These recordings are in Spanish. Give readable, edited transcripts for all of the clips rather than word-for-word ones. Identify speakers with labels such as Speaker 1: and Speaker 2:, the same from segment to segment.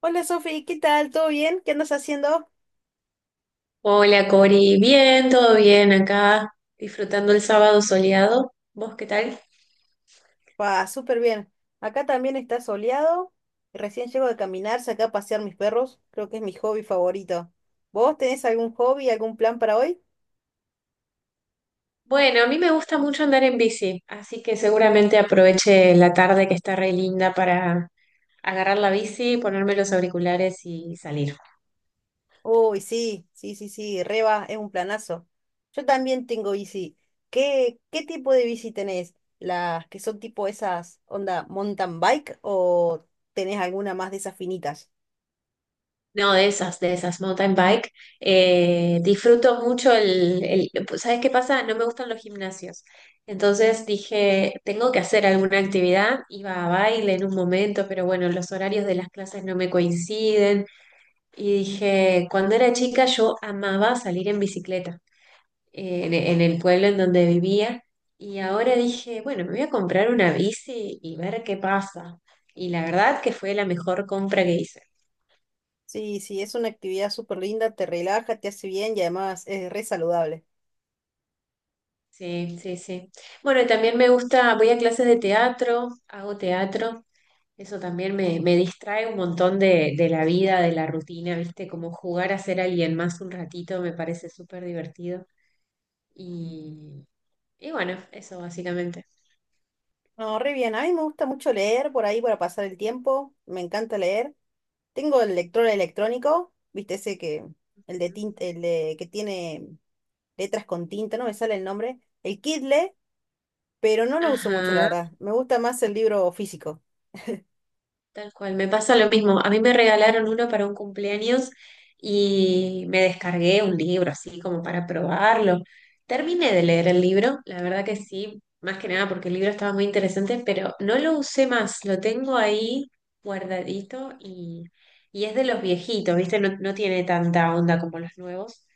Speaker 1: Hola Sofi, ¿qué tal? ¿Todo bien? ¿Qué andas haciendo?
Speaker 2: Hola Cori, bien, todo bien acá, disfrutando el sábado soleado. ¿Vos qué tal?
Speaker 1: Pa, súper bien. Acá también está soleado. Recién llego de caminar, saqué a pasear mis perros. Creo que es mi hobby favorito. ¿Vos tenés algún hobby, algún plan para hoy?
Speaker 2: Bueno, a mí me gusta mucho andar en bici, así que seguramente aproveche la tarde que está re linda para agarrar la bici, ponerme los auriculares y salir.
Speaker 1: Uy, sí, sí, sí, sí, Reba, es un planazo. Yo también tengo bici. ¿Qué tipo de bici tenés? ¿Las que son tipo esas, onda, mountain bike o tenés alguna más de esas finitas?
Speaker 2: No, de esas, mountain bike. Disfruto mucho ¿Sabes qué pasa? No me gustan los gimnasios. Entonces dije, tengo que hacer alguna actividad. Iba a baile en un momento, pero bueno, los horarios de las clases no me coinciden. Y dije, cuando era chica yo amaba salir en bicicleta en el pueblo en donde vivía. Y ahora dije, bueno, me voy a comprar una bici y ver qué pasa. Y la verdad que fue la mejor compra que hice.
Speaker 1: Sí, sí, es una actividad súper linda, te relaja, te hace bien y además es re saludable.
Speaker 2: Sí, sí, sí. Bueno, y también me gusta, voy a clases de teatro, hago teatro, eso también me distrae un montón de la vida, de la rutina, ¿viste? Como jugar a ser alguien más un ratito me parece súper divertido. Y, y bueno, eso básicamente.
Speaker 1: No, re bien. A mí me gusta mucho leer por ahí para pasar el tiempo. Me encanta leer. Tengo el lector electrónico, viste ese que, el de tinta, que tiene letras con tinta, no me sale el nombre. El Kindle, pero no lo uso mucho, la
Speaker 2: Ajá.
Speaker 1: verdad. Me gusta más el libro físico.
Speaker 2: Tal cual, me pasa lo mismo. A mí me regalaron uno para un cumpleaños y me descargué un libro así como para probarlo. Terminé de leer el libro, la verdad que sí, más que nada porque el libro estaba muy interesante, pero no lo usé más, lo tengo ahí guardadito y es de los viejitos, ¿viste? No, no tiene tanta onda como los nuevos,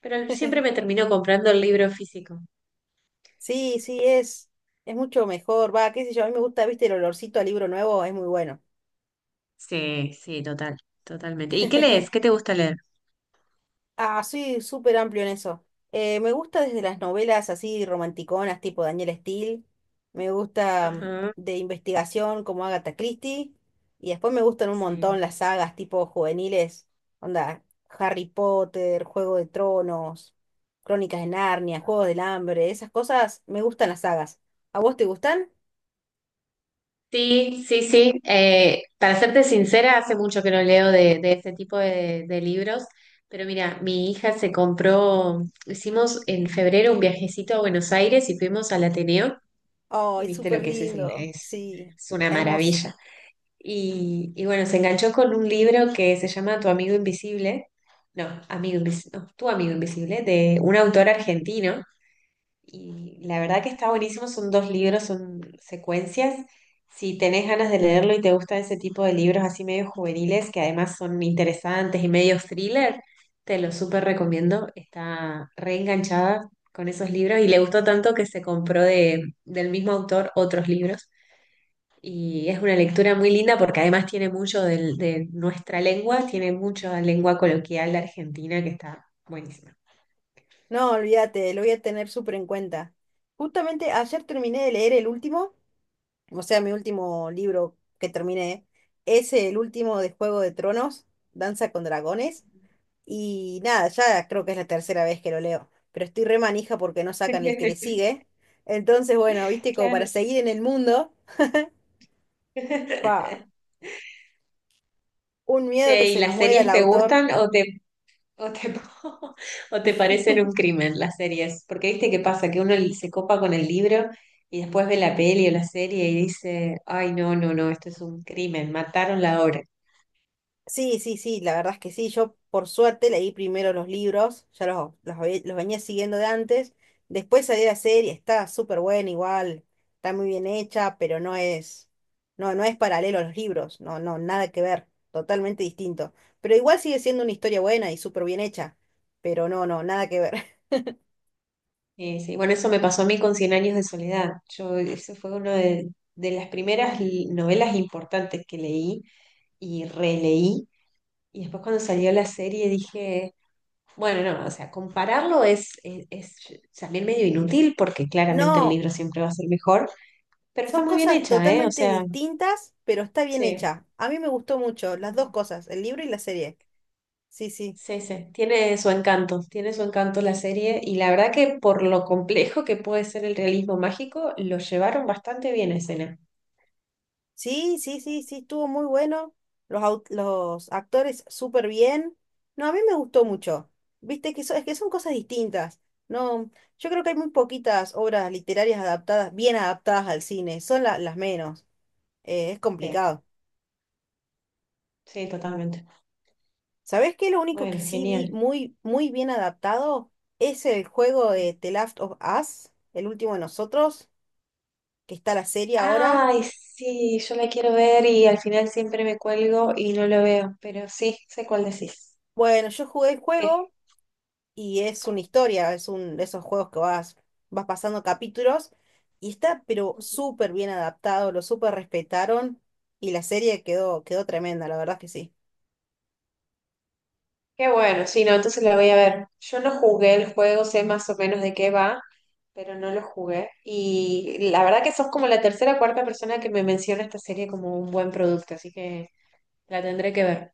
Speaker 2: pero siempre me termino comprando el libro físico.
Speaker 1: Sí, sí, es mucho mejor. Va, qué sé yo, a mí me gusta, viste, el olorcito al libro nuevo, es muy bueno.
Speaker 2: Sí, sí, total, totalmente. ¿Y qué lees? ¿Qué te gusta leer?
Speaker 1: Ah, soy súper amplio en eso. Me gusta desde las novelas así romanticonas, tipo Daniel Steele. Me gusta
Speaker 2: Ajá,
Speaker 1: de investigación como Agatha Christie. Y después me gustan un
Speaker 2: sí.
Speaker 1: montón las sagas tipo juveniles. Onda, Harry Potter, Juego de Tronos, Crónicas de Narnia, Juegos del Hambre. Esas cosas me gustan las sagas. ¿A vos te gustan?
Speaker 2: Sí, sí, sí. Para serte sincera, hace mucho que no leo de este tipo de libros, pero mira, mi hija se compró, hicimos en febrero un viajecito a Buenos Aires y fuimos al Ateneo y
Speaker 1: ¡Ay,
Speaker 2: viste
Speaker 1: súper
Speaker 2: lo que es, es, el-
Speaker 1: lindo!
Speaker 2: es,
Speaker 1: Sí,
Speaker 2: es una
Speaker 1: hermoso.
Speaker 2: maravilla. Y bueno, se enganchó con un libro que se llama Tu amigo invisible, no, amigo invisible, Tu amigo invisible, de un autor argentino y la verdad que está buenísimo, son dos libros, son secuencias. Si tenés ganas de leerlo y te gustan ese tipo de libros así medio juveniles, que además son interesantes y medio thriller, te lo súper recomiendo. Está reenganchada con esos libros y le gustó tanto que se compró del mismo autor otros libros. Y es una lectura muy linda porque además tiene mucho de nuestra lengua, tiene mucha lengua coloquial de Argentina que está buenísima.
Speaker 1: No, olvídate, lo voy a tener súper en cuenta. Justamente ayer terminé de leer el último. O sea, mi último libro que terminé es el último de Juego de Tronos, Danza con Dragones. Y nada, ya creo que es la tercera vez que lo leo. Pero estoy re manija porque no sacan el que le sigue. Entonces, bueno, viste, como para
Speaker 2: Claro.
Speaker 1: seguir en el mundo, pa, un miedo que
Speaker 2: Che, ¿y
Speaker 1: se nos
Speaker 2: las
Speaker 1: muera el
Speaker 2: series te
Speaker 1: autor.
Speaker 2: gustan o te, o te parecen un crimen las series? Porque viste qué pasa, que uno se copa con el libro y después ve la peli o la serie y dice, ay, no, no, no, esto es un crimen, mataron la obra.
Speaker 1: Sí, sí, sí, la verdad es que sí. Yo, por suerte, leí primero los libros, ya los venía siguiendo de antes. Después salió la serie, está súper buena igual, está muy bien hecha, pero no es paralelo a los libros, no, no, nada que ver, totalmente distinto. Pero igual sigue siendo una historia buena y súper bien hecha, pero no, no, nada que ver.
Speaker 2: Sí, bueno, eso me pasó a mí con Cien años de soledad. Yo, ese fue uno de las primeras novelas importantes que leí y releí. Y después cuando salió la serie dije. Bueno, no, o sea, compararlo es también medio inútil porque claramente el
Speaker 1: No,
Speaker 2: libro siempre va a ser mejor, pero está
Speaker 1: son
Speaker 2: muy bien
Speaker 1: cosas
Speaker 2: hecha, ¿eh? O
Speaker 1: totalmente
Speaker 2: sea,
Speaker 1: distintas, pero está bien
Speaker 2: sí.
Speaker 1: hecha. A mí me gustó mucho las
Speaker 2: Ujú.
Speaker 1: dos cosas, el libro y la serie. Sí, sí.
Speaker 2: Sí, sí, tiene su encanto la serie y la verdad que por lo complejo que puede ser el realismo mágico, lo llevaron bastante bien a escena.
Speaker 1: Sí, sí, sí, sí, estuvo muy bueno. Los actores súper bien. No, a mí me gustó
Speaker 2: Mm.
Speaker 1: mucho. Viste que, es que son cosas distintas. No, yo creo que hay muy poquitas obras literarias adaptadas, bien adaptadas al cine. Son las menos. Es
Speaker 2: Sí,
Speaker 1: complicado.
Speaker 2: sí, totalmente.
Speaker 1: ¿Sabés qué? Lo único que
Speaker 2: Bueno,
Speaker 1: sí vi
Speaker 2: genial.
Speaker 1: muy, muy bien adaptado es el juego
Speaker 2: Mm.
Speaker 1: de The Last of Us, el último de nosotros, que está la serie ahora.
Speaker 2: Ay, sí, yo la quiero ver y al final siempre me cuelgo y no lo veo, pero sí, sé cuál decís.
Speaker 1: Bueno, yo jugué el
Speaker 2: ¿Qué?
Speaker 1: juego. Y es una historia, es un de esos juegos que vas pasando capítulos y está pero súper bien adaptado, lo súper respetaron y la serie quedó tremenda, la verdad que sí.
Speaker 2: Qué bueno, sí, no, entonces la voy a ver. Yo no jugué el juego, sé más o menos de qué va, pero no lo jugué. Y la verdad que sos como la tercera o cuarta persona que me menciona esta serie como un buen producto, así que la tendré que ver.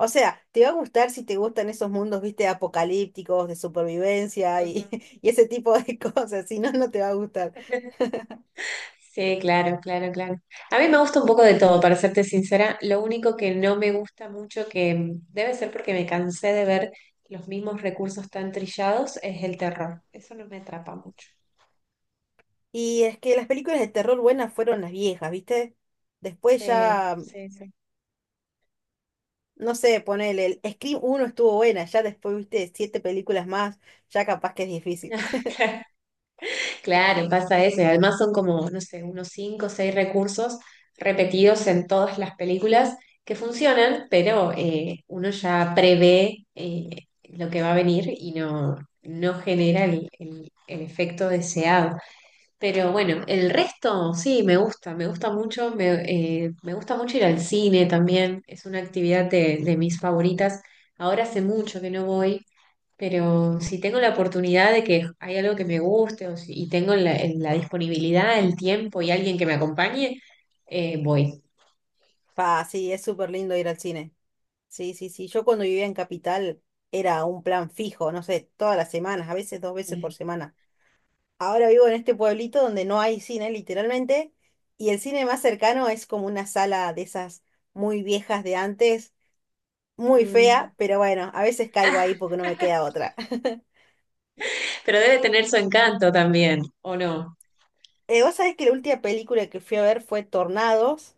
Speaker 1: O sea, te va a gustar si te gustan esos mundos, viste, apocalípticos, de supervivencia
Speaker 2: Ujú.
Speaker 1: y, y ese tipo de cosas, si no, no te va a gustar.
Speaker 2: Sí, claro, claro, claro. A mí me gusta un poco de todo, para serte sincera. Lo único que no me gusta mucho, que debe ser porque me cansé de ver los mismos recursos tan trillados, es el terror. Eso no me atrapa mucho.
Speaker 1: Y es que las películas de terror buenas fueron las viejas, viste. Después
Speaker 2: Sí,
Speaker 1: ya,
Speaker 2: sí, sí.
Speaker 1: no sé, ponele, el Scream uno estuvo buena, ya después viste siete películas más, ya capaz que es difícil.
Speaker 2: Claro, pasa eso. Y además son como, no sé, unos cinco o seis recursos repetidos en todas las películas que funcionan, pero uno ya prevé lo que va a venir y no, no genera el efecto deseado. Pero bueno, el resto sí, me gusta mucho ir al cine también, es una actividad de mis favoritas. Ahora hace mucho que no voy pero si tengo la oportunidad de que hay algo que me guste o y tengo la disponibilidad, el tiempo y alguien que me acompañe, voy.
Speaker 1: Ah, sí, es súper lindo ir al cine. Sí, sí, sí. Yo cuando vivía en Capital era un plan fijo, no sé, todas las semanas, a veces dos veces por semana. Ahora vivo en este pueblito donde no hay cine, literalmente, y el cine más cercano es como una sala de esas muy viejas de antes, muy
Speaker 2: Mm.
Speaker 1: fea, pero bueno, a veces caigo ahí porque no me queda otra.
Speaker 2: Pero debe tener su encanto también, ¿o no?
Speaker 1: Vos sabés que la última película que fui a ver fue Tornados,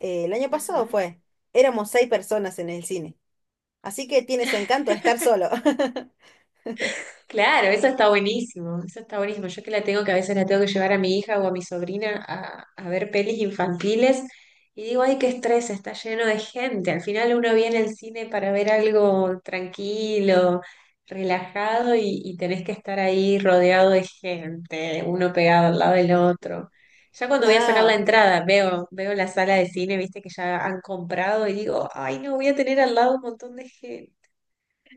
Speaker 1: el año pasado
Speaker 2: Ajá.
Speaker 1: fue. Éramos seis personas en el cine, así que tiene su encanto estar solo.
Speaker 2: Claro, eso está buenísimo, eso está buenísimo. Yo que la tengo, que a veces la tengo que llevar a mi hija o a mi sobrina a ver pelis infantiles y digo, ay, qué estrés, está lleno de gente. Al final uno viene al cine para ver algo tranquilo, relajado y tenés que estar ahí rodeado de gente, uno pegado al lado del otro. Ya cuando voy a sacar la
Speaker 1: No,
Speaker 2: entrada, veo la sala de cine, viste que ya han comprado y digo, ay, no, voy a tener al lado un montón de gente.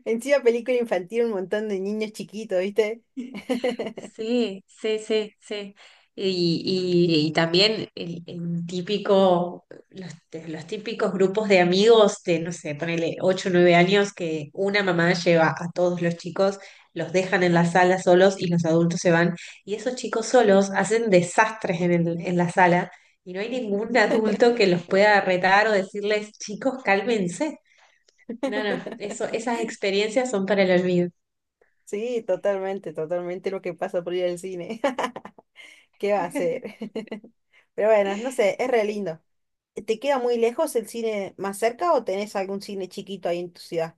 Speaker 1: encima película infantil, un montón de niños chiquitos, ¿viste?
Speaker 2: Sí, sí, sí, sí. Y, y también el típico, los típicos grupos de amigos de, no sé, ponele 8 o 9 años que una mamá lleva a todos los chicos, los dejan en la sala solos y los adultos se van. Y esos chicos solos hacen desastres en la sala y no hay ningún adulto que los pueda retar o decirles, chicos, cálmense. No, no, esas experiencias son para el olvido.
Speaker 1: Sí, totalmente, totalmente lo que pasa por ir al cine. ¿Qué va a hacer? Pero bueno, no sé, es re lindo. ¿Te queda muy lejos el cine más cerca o tenés algún cine chiquito ahí en tu ciudad?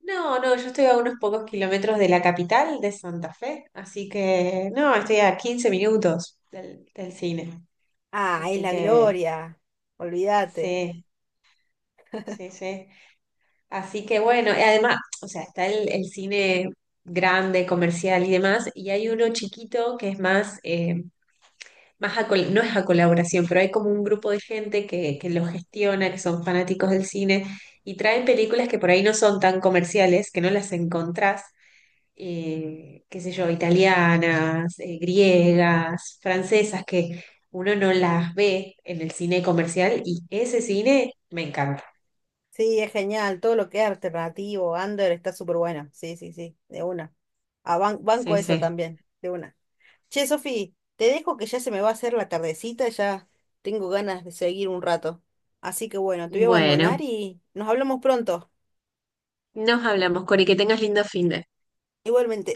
Speaker 2: No, no, yo estoy a unos pocos kilómetros de la capital de Santa Fe, así que no, estoy a 15 minutos del cine.
Speaker 1: Ah, es
Speaker 2: Así
Speaker 1: la
Speaker 2: que
Speaker 1: gloria. Olvídate.
Speaker 2: sí, sí, sí. Así que bueno, y además, o sea, está el cine grande, comercial y demás, y hay uno chiquito que es más, más no es a colaboración, pero hay como un grupo de gente que lo gestiona, que son fanáticos del cine, y traen películas que por ahí no son tan comerciales, que no las encontrás qué sé yo, italianas, griegas, francesas, que uno no las ve en el cine comercial y ese cine me encanta.
Speaker 1: Sí, es genial. Todo lo que es alternativo, under, está súper bueno. Sí, sí, sí, de una. Ah, banco
Speaker 2: Sí,
Speaker 1: eso
Speaker 2: sí.
Speaker 1: también, de una. Che, Sofi, te dejo que ya se me va a hacer la tardecita, ya tengo ganas de seguir un rato. Así que bueno, te voy a abandonar
Speaker 2: Bueno,
Speaker 1: y nos hablamos pronto.
Speaker 2: nos hablamos, Cori, que tengas lindo fin de.
Speaker 1: Igualmente.